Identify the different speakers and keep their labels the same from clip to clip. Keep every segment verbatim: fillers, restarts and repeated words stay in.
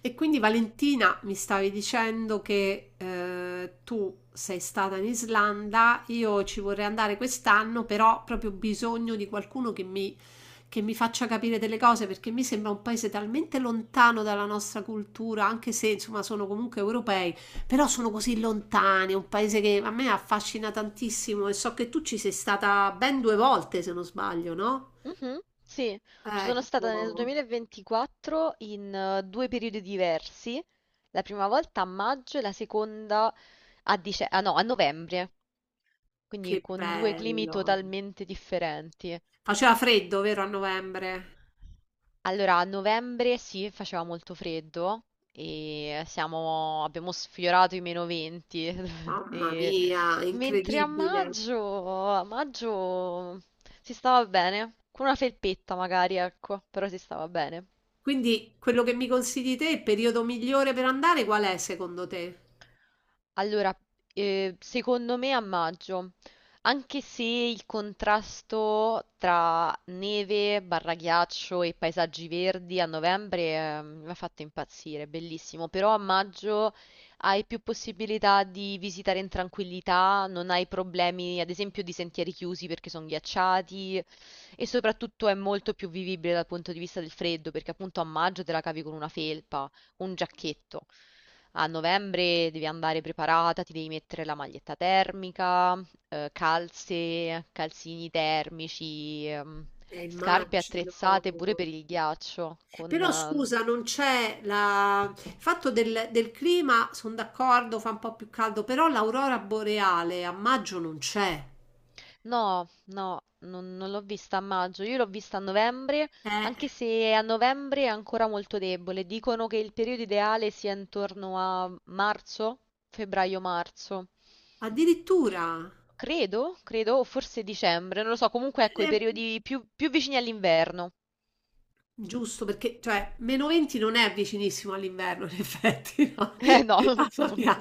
Speaker 1: E quindi Valentina mi stavi dicendo che eh, tu sei stata in Islanda, io ci vorrei andare quest'anno, però ho proprio bisogno di qualcuno che mi, che mi faccia capire delle cose perché mi sembra un paese talmente lontano dalla nostra cultura, anche se insomma sono comunque europei, però sono così lontani, è un paese che a me affascina tantissimo e so che tu ci sei stata ben due volte, se non sbaglio, no?
Speaker 2: Mhm. Sì, ci sono stata nel
Speaker 1: Ecco,
Speaker 2: duemilaventiquattro in eh, due periodi diversi, la prima volta a maggio e la seconda a, dice- ah, no, a novembre, quindi
Speaker 1: che
Speaker 2: con due climi
Speaker 1: bello.
Speaker 2: totalmente differenti.
Speaker 1: Faceva freddo, vero, a novembre?
Speaker 2: Allora, a novembre sì, faceva molto freddo e siamo- abbiamo sfiorato i meno venti,
Speaker 1: Mamma
Speaker 2: e-
Speaker 1: mia,
Speaker 2: mentre a
Speaker 1: incredibile.
Speaker 2: maggio, a maggio si stava bene, con una felpetta magari, ecco, però si stava bene.
Speaker 1: Quindi quello che mi consigli te, il periodo migliore per andare, qual è secondo te?
Speaker 2: Allora, eh, secondo me a maggio, anche se il contrasto tra neve, barra ghiaccio e paesaggi verdi a novembre, eh, mi ha fatto impazzire, è bellissimo, però a maggio hai più possibilità di visitare in tranquillità, non hai problemi, ad esempio, di sentieri chiusi perché sono ghiacciati e soprattutto è molto più vivibile dal punto di vista del freddo, perché appunto a maggio te la cavi con una felpa un giacchetto. A novembre devi andare preparata, ti devi mettere la maglietta termica, eh, calze, calzini termici, ehm,
Speaker 1: Eh,
Speaker 2: scarpe
Speaker 1: immagino.
Speaker 2: attrezzate pure per il ghiaccio. Con,
Speaker 1: Però
Speaker 2: ehm,
Speaker 1: scusa, non c'è la... il fatto del, del clima, sono d'accordo, fa un po' più caldo, però l'aurora boreale a maggio non c'è.
Speaker 2: no, no, non, non l'ho vista a maggio, io l'ho vista a novembre,
Speaker 1: Eh,
Speaker 2: anche se a novembre è ancora molto debole. Dicono che il periodo ideale sia intorno a marzo, febbraio-marzo.
Speaker 1: addirittura.
Speaker 2: Credo, credo, o forse dicembre, non lo so, comunque ecco i
Speaker 1: Eh,
Speaker 2: periodi più, più vicini all'inverno.
Speaker 1: Giusto, perché cioè meno venti non è vicinissimo all'inverno, in effetti, no?
Speaker 2: Eh no.
Speaker 1: Mamma mia.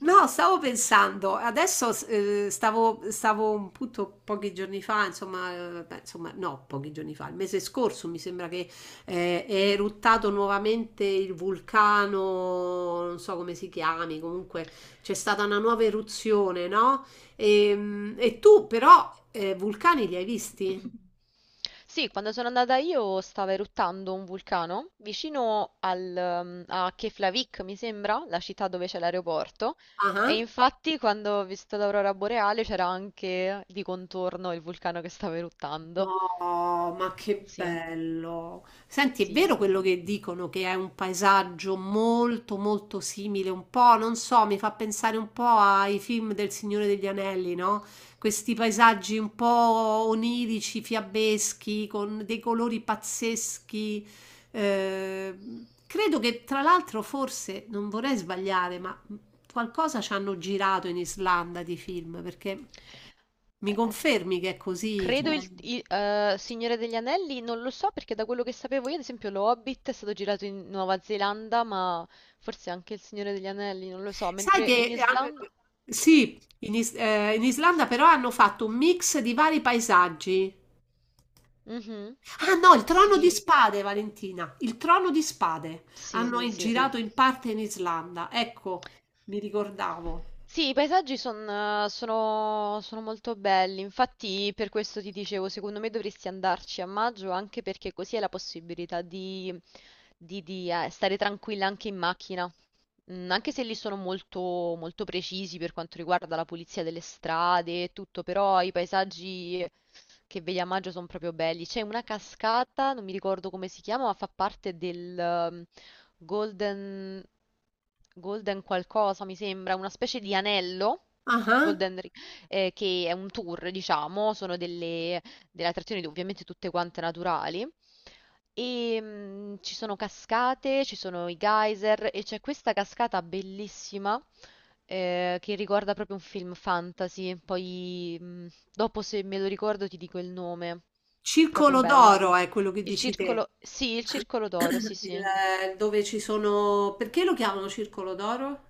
Speaker 1: No, stavo pensando, adesso eh, stavo, stavo appunto pochi giorni fa, insomma, eh, beh, insomma, no, pochi giorni fa, il mese scorso mi sembra che eh, è eruttato nuovamente il vulcano, non so come si chiami, comunque c'è stata una nuova eruzione, no? Ehm, E, tu però eh, vulcani li hai visti?
Speaker 2: Sì, quando sono andata io stava eruttando un vulcano vicino al, um, a Keflavik, mi sembra, la città dove c'è l'aeroporto. E
Speaker 1: Ah.
Speaker 2: infatti quando ho visto l'aurora boreale c'era anche di contorno il vulcano che stava eruttando.
Speaker 1: No, ma che
Speaker 2: Sì, eh,
Speaker 1: bello. Senti, è
Speaker 2: sì,
Speaker 1: vero
Speaker 2: sì.
Speaker 1: quello che dicono che è un paesaggio molto molto simile, un po', non so, mi fa pensare un po' ai film del Signore degli Anelli, no? Questi paesaggi un po' onirici, fiabeschi, con dei colori pazzeschi. Eh, credo che tra l'altro forse, non vorrei sbagliare, ma qualcosa ci hanno girato in Islanda di film, perché mi confermi che è così,
Speaker 2: Credo il,
Speaker 1: cioè...
Speaker 2: il, eh, Signore degli Anelli, non lo so, perché da quello che sapevo io, ad esempio, lo Hobbit è stato girato in Nuova Zelanda, ma forse anche il Signore degli Anelli, non lo so,
Speaker 1: Sai
Speaker 2: mentre in
Speaker 1: che eh, an-
Speaker 2: Islanda...
Speaker 1: eh, sì, in, Is- eh, in Islanda però hanno fatto un mix di vari paesaggi.
Speaker 2: Mhm.
Speaker 1: Ah no, il trono di
Speaker 2: Sì,
Speaker 1: spade, Valentina, il trono di spade.
Speaker 2: sì,
Speaker 1: Hanno in-
Speaker 2: sì.
Speaker 1: girato in parte in Islanda. Ecco, mi ricordavo.
Speaker 2: Sì, i paesaggi son- sono, sono molto belli, infatti per questo ti dicevo, secondo me dovresti andarci a maggio anche perché così hai la possibilità di, di- di, eh, stare tranquilla anche in macchina. Mm, anche se lì sono molto, molto precisi per quanto riguarda la pulizia delle strade e tutto, però i paesaggi che vedi a maggio sono proprio belli. C'è una cascata, non mi ricordo come si chiama, ma fa parte del ehm, Golden, Golden qualcosa, mi sembra, una specie di anello.
Speaker 1: Ah, ah.
Speaker 2: Golden Ring, eh, che è un tour, diciamo, sono delle, delle attrazioni ovviamente tutte quante naturali. E mm, ci sono cascate, ci sono i geyser e c'è questa cascata bellissima eh, che ricorda proprio un film fantasy. Poi mm, dopo se me lo ricordo ti dico il nome. Proprio
Speaker 1: Circolo
Speaker 2: bella.
Speaker 1: d'oro è quello che
Speaker 2: Il
Speaker 1: dici te.
Speaker 2: circolo, sì, il circolo d'oro, sì,
Speaker 1: Il-
Speaker 2: sì.
Speaker 1: eh, Dove ci sono... Perché lo chiamano circolo d'oro?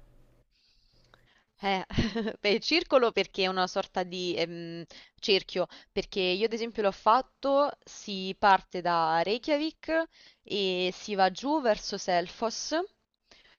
Speaker 2: Eh, beh, il circolo perché è una sorta di ehm, cerchio, perché io ad esempio l'ho fatto, si parte da Reykjavik e si va giù verso Selfos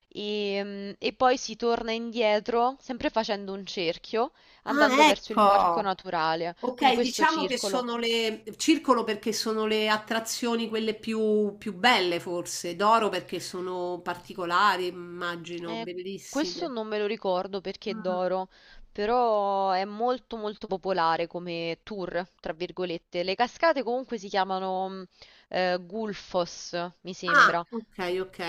Speaker 2: e, e poi si torna indietro, sempre facendo un cerchio, andando
Speaker 1: Ah,
Speaker 2: verso il parco
Speaker 1: ecco.
Speaker 2: naturale. Quindi
Speaker 1: Okay,
Speaker 2: questo
Speaker 1: diciamo che
Speaker 2: circolo.
Speaker 1: sono le circolo perché sono le attrazioni quelle più più belle forse, d'oro perché sono particolari, immagino,
Speaker 2: Eh, questo
Speaker 1: bellissime.
Speaker 2: non me lo ricordo perché è
Speaker 1: Mh.
Speaker 2: d'oro, però è molto molto popolare come tour, tra virgolette. Le cascate comunque si chiamano mh, eh, Gulfos, mi
Speaker 1: Ah,
Speaker 2: sembra. A
Speaker 1: ok, ok.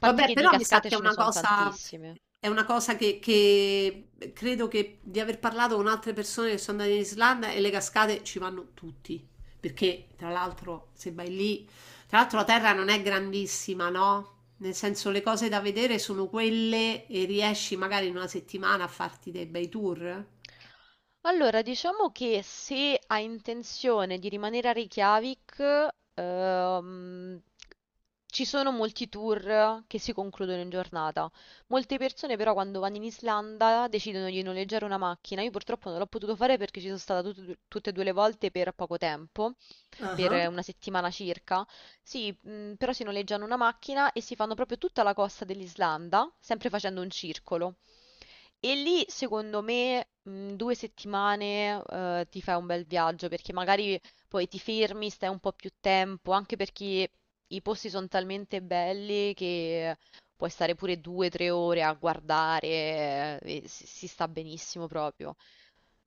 Speaker 2: parte
Speaker 1: Vabbè,
Speaker 2: che di
Speaker 1: però mi sa
Speaker 2: cascate
Speaker 1: che è
Speaker 2: ce ne
Speaker 1: una
Speaker 2: sono
Speaker 1: cosa,
Speaker 2: tantissime.
Speaker 1: è una cosa che, che credo che di aver parlato con altre persone che sono andate in Islanda e le cascate ci vanno tutti. Perché, tra l'altro, se vai lì, tra l'altro la terra non è grandissima, no? Nel senso, le cose da vedere sono quelle e riesci magari in una settimana a farti dei bei tour.
Speaker 2: Allora, diciamo che se hai intenzione di rimanere a Reykjavik, ehm, ci sono molti tour che si concludono in giornata. Molte persone però quando vanno in Islanda decidono di noleggiare una macchina. Io purtroppo non l'ho potuto fare perché ci sono stata tut- tutte e due le volte per poco tempo, per
Speaker 1: Ah.
Speaker 2: una settimana circa. Sì, mh, però si noleggiano una macchina e si fanno proprio tutta la costa dell'Islanda, sempre facendo un circolo. E lì, secondo me, mh, due settimane, eh, ti fai un bel viaggio perché magari poi ti fermi, stai un po' più tempo, anche perché i posti sono talmente belli che puoi stare pure due, o tre ore a guardare, eh, e si, si sta benissimo proprio.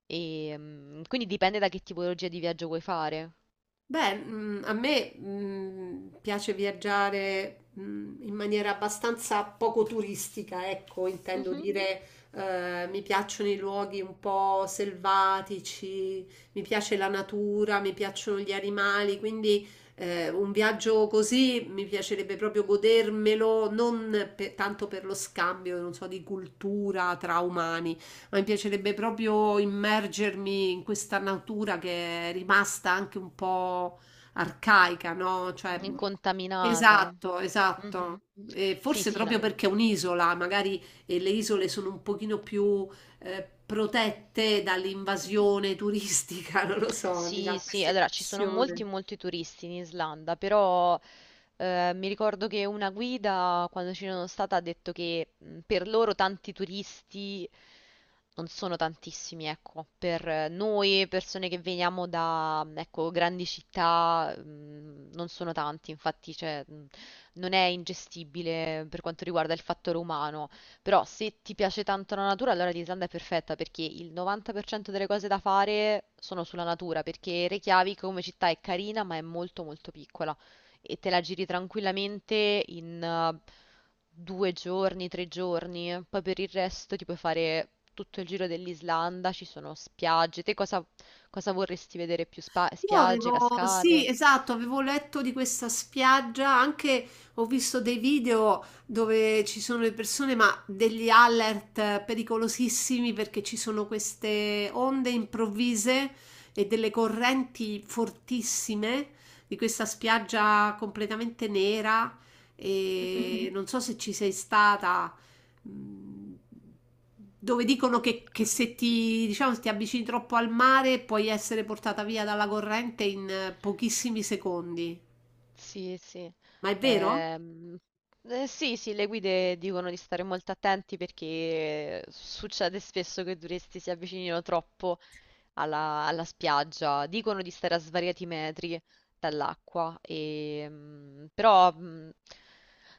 Speaker 2: E, mh, quindi dipende da che tipologia di viaggio vuoi fare.
Speaker 1: Beh, mm, a me mm, piace viaggiare mm, in maniera abbastanza poco turistica, ecco, intendo
Speaker 2: Mhm.
Speaker 1: dire, eh, mi piacciono i luoghi un po' selvatici, mi piace la natura, mi piacciono gli animali, quindi eh, un viaggio così mi piacerebbe proprio godermelo, non per- tanto per lo scambio, non so, di cultura tra umani ma mi piacerebbe proprio immergermi in questa natura che è rimasta anche un po' arcaica, no? Cioè,
Speaker 2: Incontaminata.
Speaker 1: esatto, esatto.
Speaker 2: Mhm.
Speaker 1: E
Speaker 2: Sì,
Speaker 1: forse
Speaker 2: sì, no.
Speaker 1: proprio perché è un'isola, magari eh, le isole sono un pochino più eh, protette dall'invasione turistica, non lo so, mi
Speaker 2: Sì,
Speaker 1: dà
Speaker 2: sì,
Speaker 1: questa
Speaker 2: allora ci sono molti,
Speaker 1: impressione.
Speaker 2: molti turisti in Islanda, però eh, mi ricordo che una guida quando ci sono stata ha detto che mh, per loro tanti turisti non sono tantissimi, ecco, per eh, noi persone che veniamo da, mh, ecco, grandi città mh, non sono tanti, infatti cioè, mh, non è ingestibile per quanto riguarda il fattore umano. Però se ti piace tanto la natura, allora l'Islanda è perfetta perché il novanta per cento delle cose da fare sono sulla natura, perché Reykjavik come città è carina, ma è molto molto piccola e te la giri tranquillamente in eh, due giorni, tre giorni. Poi per il resto ti puoi fare tutto il giro dell'Islanda, ci sono spiagge. Te cosa, cosa vorresti vedere più? Spa-
Speaker 1: Io
Speaker 2: spiagge,
Speaker 1: avevo, sì,
Speaker 2: cascate?
Speaker 1: esatto, avevo letto di questa spiaggia, anche ho visto dei video dove ci sono le persone, ma degli alert pericolosissimi perché ci sono queste onde improvvise e delle correnti fortissime di questa spiaggia completamente nera
Speaker 2: Mhm.
Speaker 1: e non so se ci sei stata, mh, dove dicono che, che se ti, diciamo, se ti avvicini troppo al mare puoi essere portata via dalla corrente in eh, pochissimi secondi.
Speaker 2: Sì, sì.
Speaker 1: Ma è vero?
Speaker 2: Ehm, eh, sì, sì, le guide dicono di stare molto attenti perché eh, succede spesso che i turisti si avvicinino troppo alla, alla spiaggia. Dicono di stare a svariati metri dall'acqua, e, mm, però mm,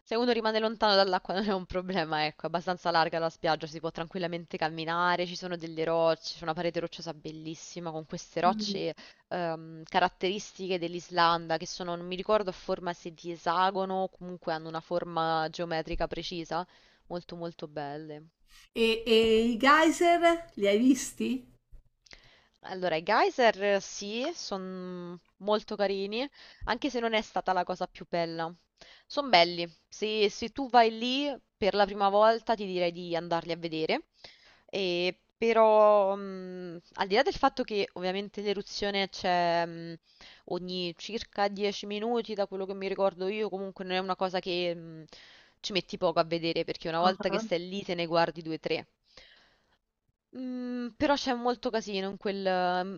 Speaker 2: se uno rimane lontano dall'acqua non è un problema, ecco, è abbastanza larga la spiaggia, si può tranquillamente camminare, ci sono delle rocce, c'è una parete rocciosa bellissima con queste
Speaker 1: Mm.
Speaker 2: rocce ehm, caratteristiche dell'Islanda che sono, non mi ricordo, a forma se di esagono o comunque hanno una forma geometrica precisa, molto molto belle.
Speaker 1: E, e i geyser li hai visti?
Speaker 2: Allora, i geyser eh, sì, sono molto carini, anche se non è stata la cosa più bella. Sono belli. Se, se tu vai lì per la prima volta, ti direi di andarli a vedere. E però, mh, al di là del fatto che ovviamente l'eruzione c'è mh, ogni circa dieci minuti, da quello che mi ricordo io, comunque non è una cosa che mh, ci metti poco a vedere, perché una volta che
Speaker 1: Ah,
Speaker 2: stai lì te ne guardi due o tre. Mm, però c'è molto casino in quel,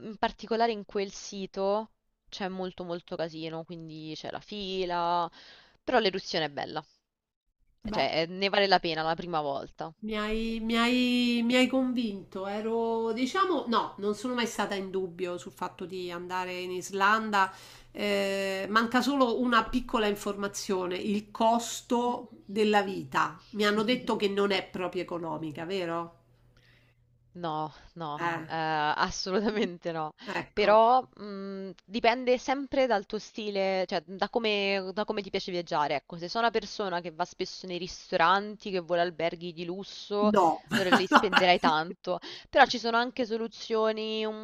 Speaker 2: in particolare in quel sito c'è molto molto casino, quindi c'è la fila, però l'eruzione è bella,
Speaker 1: beh,
Speaker 2: cioè eh, ne vale la pena la prima volta.
Speaker 1: Mi hai, mi hai- mi hai convinto, ero, diciamo, no, non sono mai stata in dubbio sul fatto di andare in Islanda. Eh, manca solo una piccola informazione, il
Speaker 2: Mhm.
Speaker 1: costo della vita. Mi hanno detto che non è proprio economica, vero?
Speaker 2: No, no,
Speaker 1: Eh,
Speaker 2: eh, assolutamente no.
Speaker 1: ecco,
Speaker 2: Però mh, dipende sempre dal tuo stile, cioè da come, da come ti piace viaggiare. Ecco, se sono una persona che va spesso nei ristoranti, che vuole alberghi di lusso,
Speaker 1: no.
Speaker 2: allora lì spenderai tanto. Però ci sono anche soluzioni un,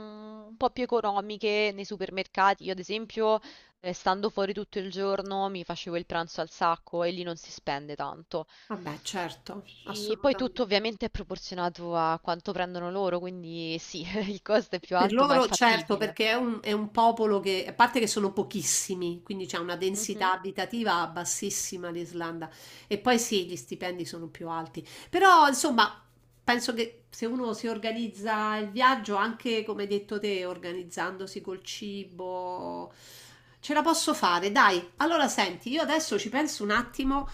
Speaker 2: un po' più economiche nei supermercati. Io, ad esempio, eh, stando fuori tutto il giorno, mi facevo il pranzo al sacco e lì non si spende tanto.
Speaker 1: Vabbè, certo,
Speaker 2: E poi tutto
Speaker 1: assolutamente.
Speaker 2: ovviamente è proporzionato a quanto prendono loro, quindi sì, il costo è più
Speaker 1: Per
Speaker 2: alto, ma è
Speaker 1: loro, certo,
Speaker 2: fattibile.
Speaker 1: perché è un, è un popolo che, a parte che sono pochissimi, quindi c'è una densità
Speaker 2: Mhm,
Speaker 1: abitativa bassissima l'Islanda. E poi sì, gli stipendi sono più alti. Però, insomma, penso che se uno si organizza il viaggio, anche come hai detto te, organizzandosi col cibo, ce la posso fare. Dai, allora senti, io adesso ci penso un attimo.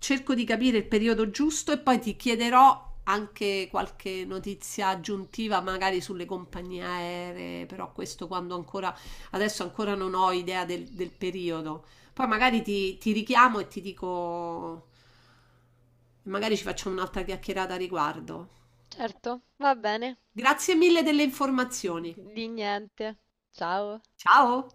Speaker 1: Cerco di capire il periodo giusto e poi ti chiederò anche qualche notizia aggiuntiva, magari sulle compagnie aeree, però questo quando ancora, adesso ancora non ho idea del, del periodo. Poi magari ti, ti richiamo e ti dico, magari ci facciamo un'altra chiacchierata a riguardo.
Speaker 2: certo, va bene.
Speaker 1: Grazie mille delle informazioni.
Speaker 2: Di niente. Ciao.
Speaker 1: Ciao!